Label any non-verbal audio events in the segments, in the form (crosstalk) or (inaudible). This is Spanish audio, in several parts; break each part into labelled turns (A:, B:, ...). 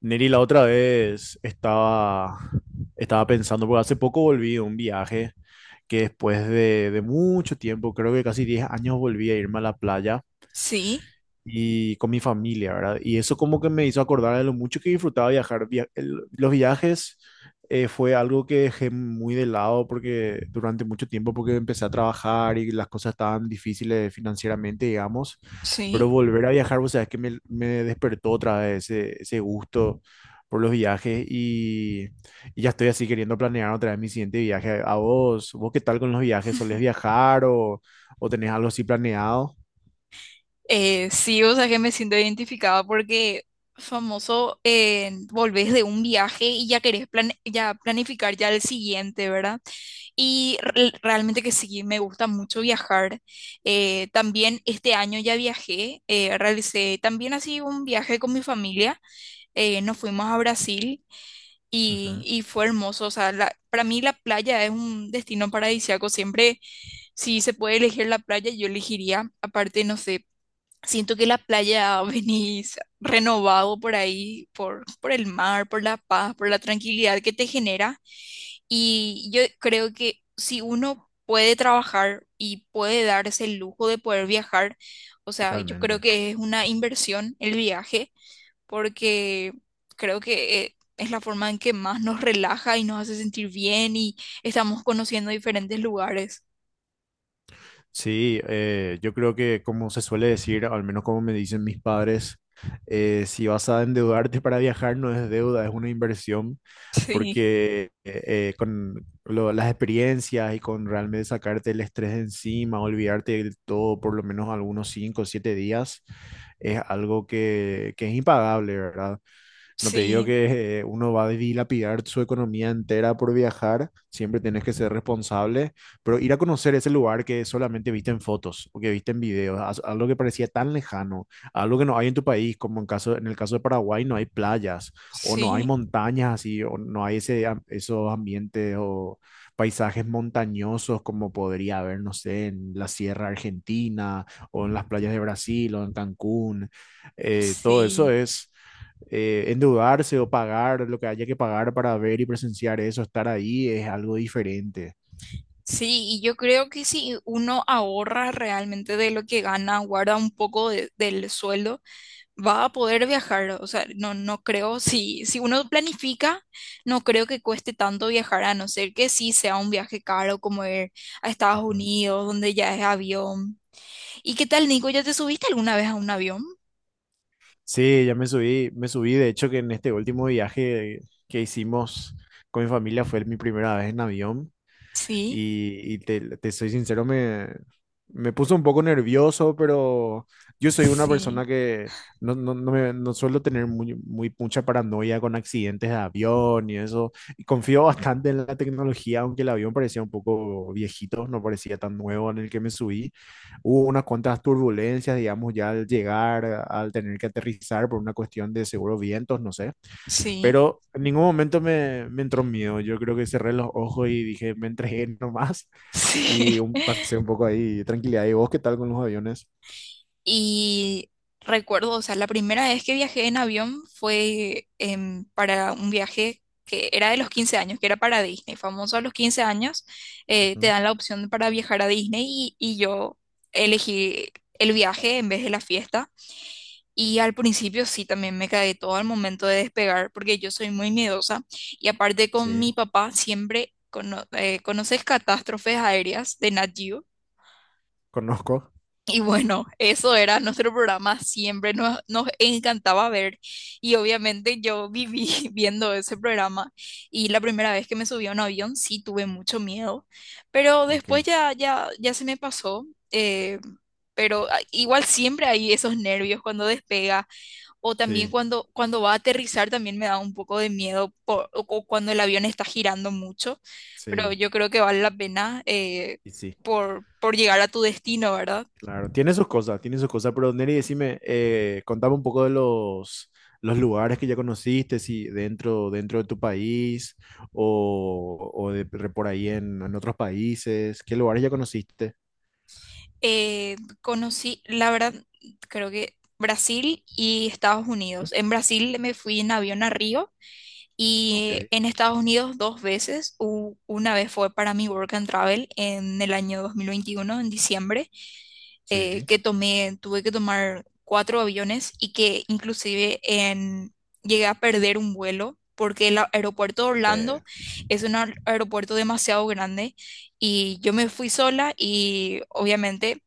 A: Neri, la otra vez estaba pensando, porque hace poco volví de un viaje que después de mucho tiempo, creo que casi 10 años volví a irme a la playa
B: Sí,
A: y con mi familia, ¿verdad? Y eso como que me hizo acordar de lo mucho que disfrutaba viajar. Los viajes fue algo que dejé muy de lado porque durante mucho tiempo porque empecé a trabajar y las cosas estaban difíciles financieramente, digamos, pero
B: sí.
A: volver a viajar, o sea, es que me despertó otra vez ese gusto por los viajes y ya estoy así queriendo planear otra vez mi siguiente viaje. ¿A vos? ¿Vos qué tal con los viajes? ¿Solés viajar o tenés algo así planeado?
B: Sí, o sea que me siento identificada porque famoso, volvés de un viaje y ya querés ya planificar ya el siguiente, ¿verdad? Y realmente que sí, me gusta mucho viajar. También este año ya viajé, realicé también así un viaje con mi familia. Nos fuimos a Brasil y,
A: Ujú,
B: y fue hermoso. O sea, para mí la playa es un destino paradisíaco. Siempre. Si se puede elegir la playa, yo elegiría, aparte, no sé, siento que la playa (laughs) venís renovado por ahí, por el mar, por la paz, por la tranquilidad que te genera. Y yo creo que si uno puede trabajar y puede darse el lujo de poder viajar, o sea, yo creo
A: totalmente.
B: que es una inversión el viaje, porque creo que es la forma en que más nos relaja y nos hace sentir bien y estamos conociendo diferentes lugares.
A: Sí, yo creo que como se suele decir, al menos como me dicen mis padres, si vas a endeudarte para viajar no es deuda, es una inversión,
B: (laughs) Sí,
A: porque con las experiencias y con realmente sacarte el estrés de encima, olvidarte de todo por lo menos algunos 5 o 7 días, es algo que es impagable, ¿verdad? No te digo
B: sí.
A: que uno va a dilapidar su economía entera por viajar, siempre tenés que ser responsable, pero ir a conocer ese lugar que solamente viste en fotos o que viste en videos, algo que parecía tan lejano, algo que no hay en tu país, como en caso, en el caso de Paraguay no hay playas o no hay
B: Sí,
A: montañas así, o no hay ese, esos ambientes o paisajes montañosos como podría haber, no sé, en la Sierra Argentina o en las playas de Brasil o en Cancún. Todo eso
B: sí,
A: es endeudarse o pagar lo que haya que pagar para ver y presenciar eso, estar ahí es algo diferente.
B: sí, y yo creo que si uno ahorra realmente de lo que gana, guarda un poco del sueldo, va a poder viajar. O sea, no, no creo, si uno planifica, no creo que cueste tanto viajar, a no ser que sí sea un viaje caro como ir a Estados
A: Ujú.
B: Unidos, donde ya es avión. ¿Y qué tal, Nico? ¿Ya te subiste alguna vez a un avión?
A: Sí, ya me subí, me subí. De hecho, que en este último viaje que hicimos con mi familia fue mi primera vez en avión.
B: Sí,
A: Y te soy sincero, me puso un poco nervioso, pero yo soy una
B: sí,
A: persona que no, no suelo tener mucha paranoia con accidentes de avión y eso. Y confío bastante en la tecnología, aunque el avión parecía un poco viejito, no parecía tan nuevo en el que me subí. Hubo unas cuantas turbulencias, digamos, ya al llegar, al tener que aterrizar por una cuestión de seguro vientos, no sé.
B: sí,
A: Pero en ningún momento me entró miedo. Yo creo que cerré los ojos y dije, me entregué (laughs) nomás. Y
B: sí.
A: un,
B: (laughs)
A: pasé un poco ahí de tranquilidad. ¿Y vos qué tal con los aviones?
B: Y recuerdo, o sea, la primera vez que viajé en avión fue para un viaje que era de los 15 años, que era para Disney. Famoso a los 15 años, te
A: Ujú.
B: dan la opción para viajar a Disney y yo elegí el viaje en vez de la fiesta. Y al principio sí, también me cagué todo al momento de despegar, porque yo soy muy miedosa y aparte con
A: Sí,
B: mi papá siempre, ¿conoces Catástrofes Aéreas de Nat Geo?
A: conozco.
B: Y bueno, eso era nuestro programa, siempre nos encantaba ver y obviamente yo viví (laughs) viendo ese programa y la primera vez que me subí a un avión sí tuve mucho miedo, pero
A: Ok.
B: después ya se me pasó, eh, pero igual siempre hay esos nervios cuando despega o también
A: Sí,
B: cuando va a aterrizar también me da un poco de miedo o cuando el avión está girando mucho, pero
A: sí,
B: yo creo que vale la pena
A: y sí.
B: por llegar a tu destino, ¿verdad?
A: Claro, tiene sus cosas, tiene sus cosas. Pero Neri, decime, contame un poco de los lugares que ya conociste, si dentro de tu país o de por ahí en otros países. ¿Qué lugares ya conociste?
B: Eh, Conocí, la verdad, creo que Brasil y Estados Unidos. En Brasil me fui en avión a Río
A: Ok,
B: y en Estados Unidos dos veces. Una vez fue para mi work and travel en el año 2021 en diciembre,
A: sí.
B: tuve que tomar cuatro aviones y que inclusive llegué a perder un vuelo, porque el aeropuerto de Orlando es un aeropuerto demasiado grande y yo me fui sola y obviamente,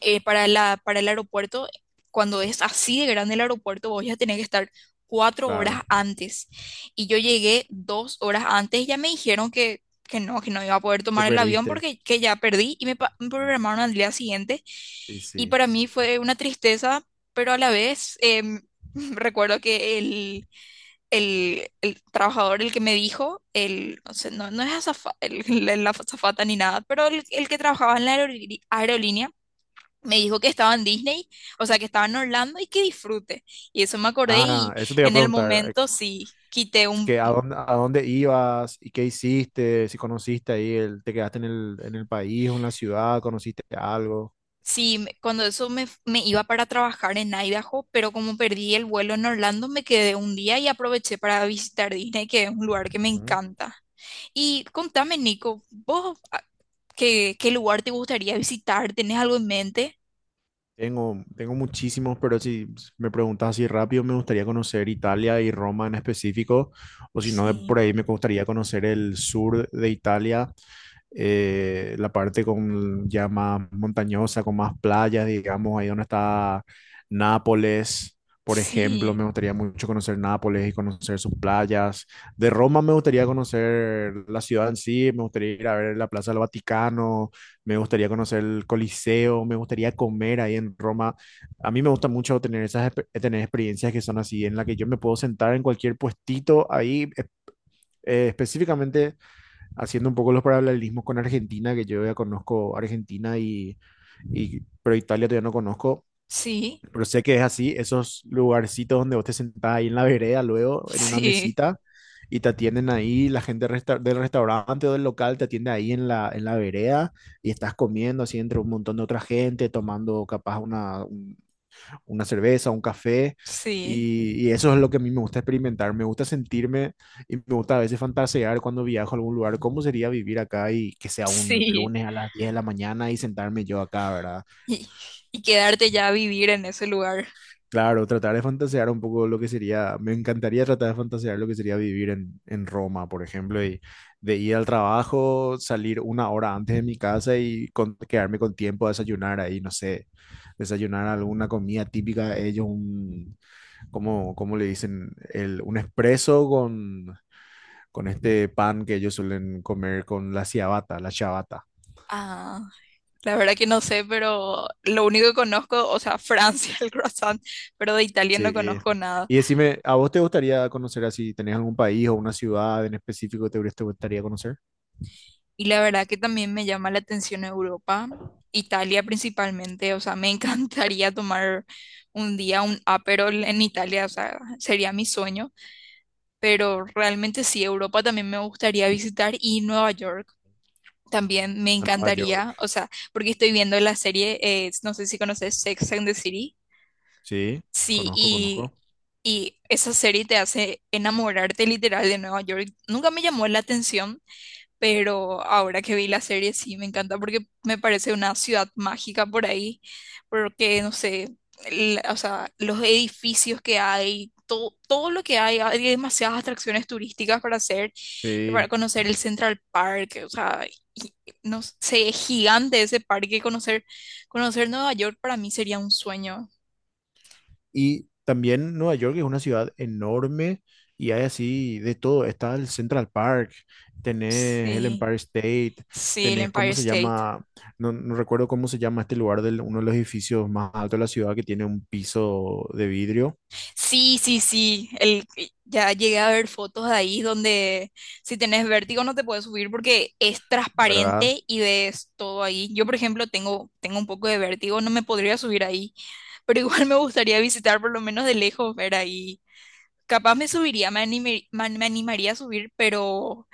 B: para el aeropuerto, cuando es así de grande el aeropuerto, vos ya tenés que estar 4 horas
A: Claro,
B: antes. Y yo llegué 2 horas antes y ya me dijeron que no iba a poder
A: que
B: tomar el avión
A: perdiste.
B: porque que ya perdí y me programaron al día siguiente.
A: Y
B: Y
A: sí.
B: para mí fue una tristeza, pero a la vez (laughs) recuerdo que el trabajador, el que me dijo, no sé, no, no es (laughs) la azafata ni nada, pero el que trabajaba en la aerolínea, me dijo que estaba en Disney, o sea, que estaba en Orlando y que disfrute. Y eso me acordé
A: Ah,
B: y
A: eso te iba a
B: en el
A: preguntar,
B: momento sí, quité un.
A: que a dónde ibas y qué hiciste, si conociste ahí, el, te quedaste en el país o en la ciudad, conociste algo.
B: Sí, cuando eso me iba para trabajar en Idaho, pero como perdí el vuelo en Orlando, me quedé un día y aproveché para visitar Disney, que es un lugar que me
A: Ujú.
B: encanta. Y contame, Nico, ¿vos qué lugar te gustaría visitar? ¿Tenés algo en mente?
A: Tengo, tengo muchísimos, pero si me preguntas así rápido, me gustaría conocer Italia y Roma en específico, o si no, de por
B: Sí,
A: ahí me gustaría conocer el sur de Italia, la parte con ya más montañosa, con más playas, digamos, ahí donde está Nápoles, por ejemplo, me
B: sí,
A: gustaría mucho conocer Nápoles y conocer sus playas. De Roma me gustaría conocer la ciudad en sí, me gustaría ir a ver la Plaza del Vaticano, me gustaría conocer el Coliseo, me gustaría comer ahí en Roma. A mí me gusta mucho tener tener experiencias que son así, en la que yo me puedo sentar en cualquier puestito ahí, específicamente haciendo un poco los paralelismos con Argentina, que yo ya conozco Argentina y pero Italia todavía no conozco,
B: sí,
A: pero sé que es así, esos lugarcitos donde vos te sentás ahí en la vereda, luego en una
B: sí,
A: mesita y te atienden ahí, la gente del restaurante o del local te atiende ahí en en la vereda y estás comiendo así entre un montón de otra gente, tomando capaz una cerveza, un café,
B: sí,
A: y eso es lo que a mí me gusta experimentar, me gusta sentirme y me gusta a veces fantasear cuando viajo a algún lugar, cómo sería vivir acá y que sea un
B: sí.
A: lunes a las 10 de la mañana y sentarme yo acá, ¿verdad?
B: y, y quedarte ya a vivir en ese lugar.
A: Claro, tratar de fantasear un poco lo que sería, me encantaría tratar de fantasear lo que sería vivir en Roma, por ejemplo, y de ir al trabajo, salir una hora antes de mi casa y quedarme con tiempo a desayunar ahí, no sé, desayunar alguna comida típica de ellos, ¿cómo le dicen? El, un espresso con este pan que ellos suelen comer con la ciabatta, la ciabatta.
B: Ah, la verdad que no sé, pero lo único que conozco, o sea, Francia, (laughs) el croissant, pero de Italia no
A: Sí.
B: conozco nada.
A: Y decime, ¿a vos te gustaría conocer así? ¿Tenés algún país o una ciudad en específico que te gustaría conocer?
B: Y la verdad que también me llama la atención Europa, Italia principalmente, o sea, me (laughs) encantaría tomar un día un Aperol en Italia, o sea, sería mi sueño, pero realmente sí, Europa también me gustaría visitar y Nueva York. También me
A: A Nueva York.
B: encantaría, o sea, porque estoy viendo la serie, no sé si conoces Sex and the City.
A: Sí,
B: Sí,
A: conozco,
B: y,
A: conozco.
B: y esa serie te hace enamorarte literal de Nueva York. Nunca me llamó la atención, pero ahora que vi la serie sí me encanta porque me parece una ciudad mágica por ahí, porque no sé, o sea, los edificios que hay, todo, todo lo que hay demasiadas atracciones turísticas para hacer, y para
A: Sí.
B: conocer el Central Park, o sea, y- no sé, es gigante ese parque, conocer Nueva York para mí sería un sueño.
A: Y también Nueva York es una ciudad enorme y hay así de todo. Está el Central Park, tenés el
B: Sí.
A: Empire State,
B: Sí, el
A: tenés,
B: Empire
A: ¿cómo se
B: State.
A: llama? No, no recuerdo cómo se llama este lugar de uno de los edificios más altos de la ciudad que tiene un piso de vidrio,
B: Sí, sí, sí. Ya llegué a ver fotos de ahí donde si tenés vértigo no te puedes subir porque es
A: ¿verdad?
B: transparente y ves todo ahí. Yo, por ejemplo, tengo un poco de vértigo, no me podría subir ahí, (laughs) pero igual me gustaría visitar por lo menos de lejos, ver ahí. Capaz me subiría, me animaría a subir, pero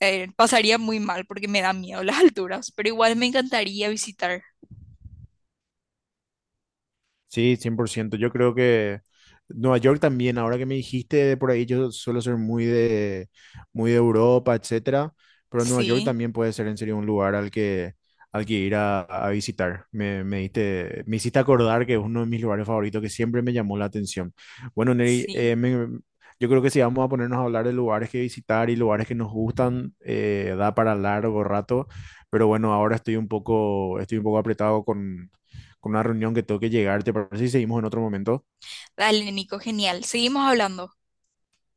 B: pasaría muy mal porque me da miedo (laughs) las alturas, pero igual me encantaría visitar.
A: Sí, 100%. Yo creo que Nueva York también, ahora que me dijiste por ahí, yo suelo ser muy muy de Europa, etcétera, pero Nueva York
B: Sí,
A: también puede ser en serio un lugar al que ir a visitar. Me hiciste acordar que es uno de mis lugares favoritos que siempre me llamó la atención. Bueno, Neri,
B: sí.
A: yo creo que si vamos a ponernos a hablar de lugares que visitar y lugares que nos gustan, da para largo rato, pero bueno, ahora estoy un poco apretado con una reunión que tengo que llegar, ¿te parece si seguimos en otro momento?
B: Dale, Nico, genial. Seguimos hablando.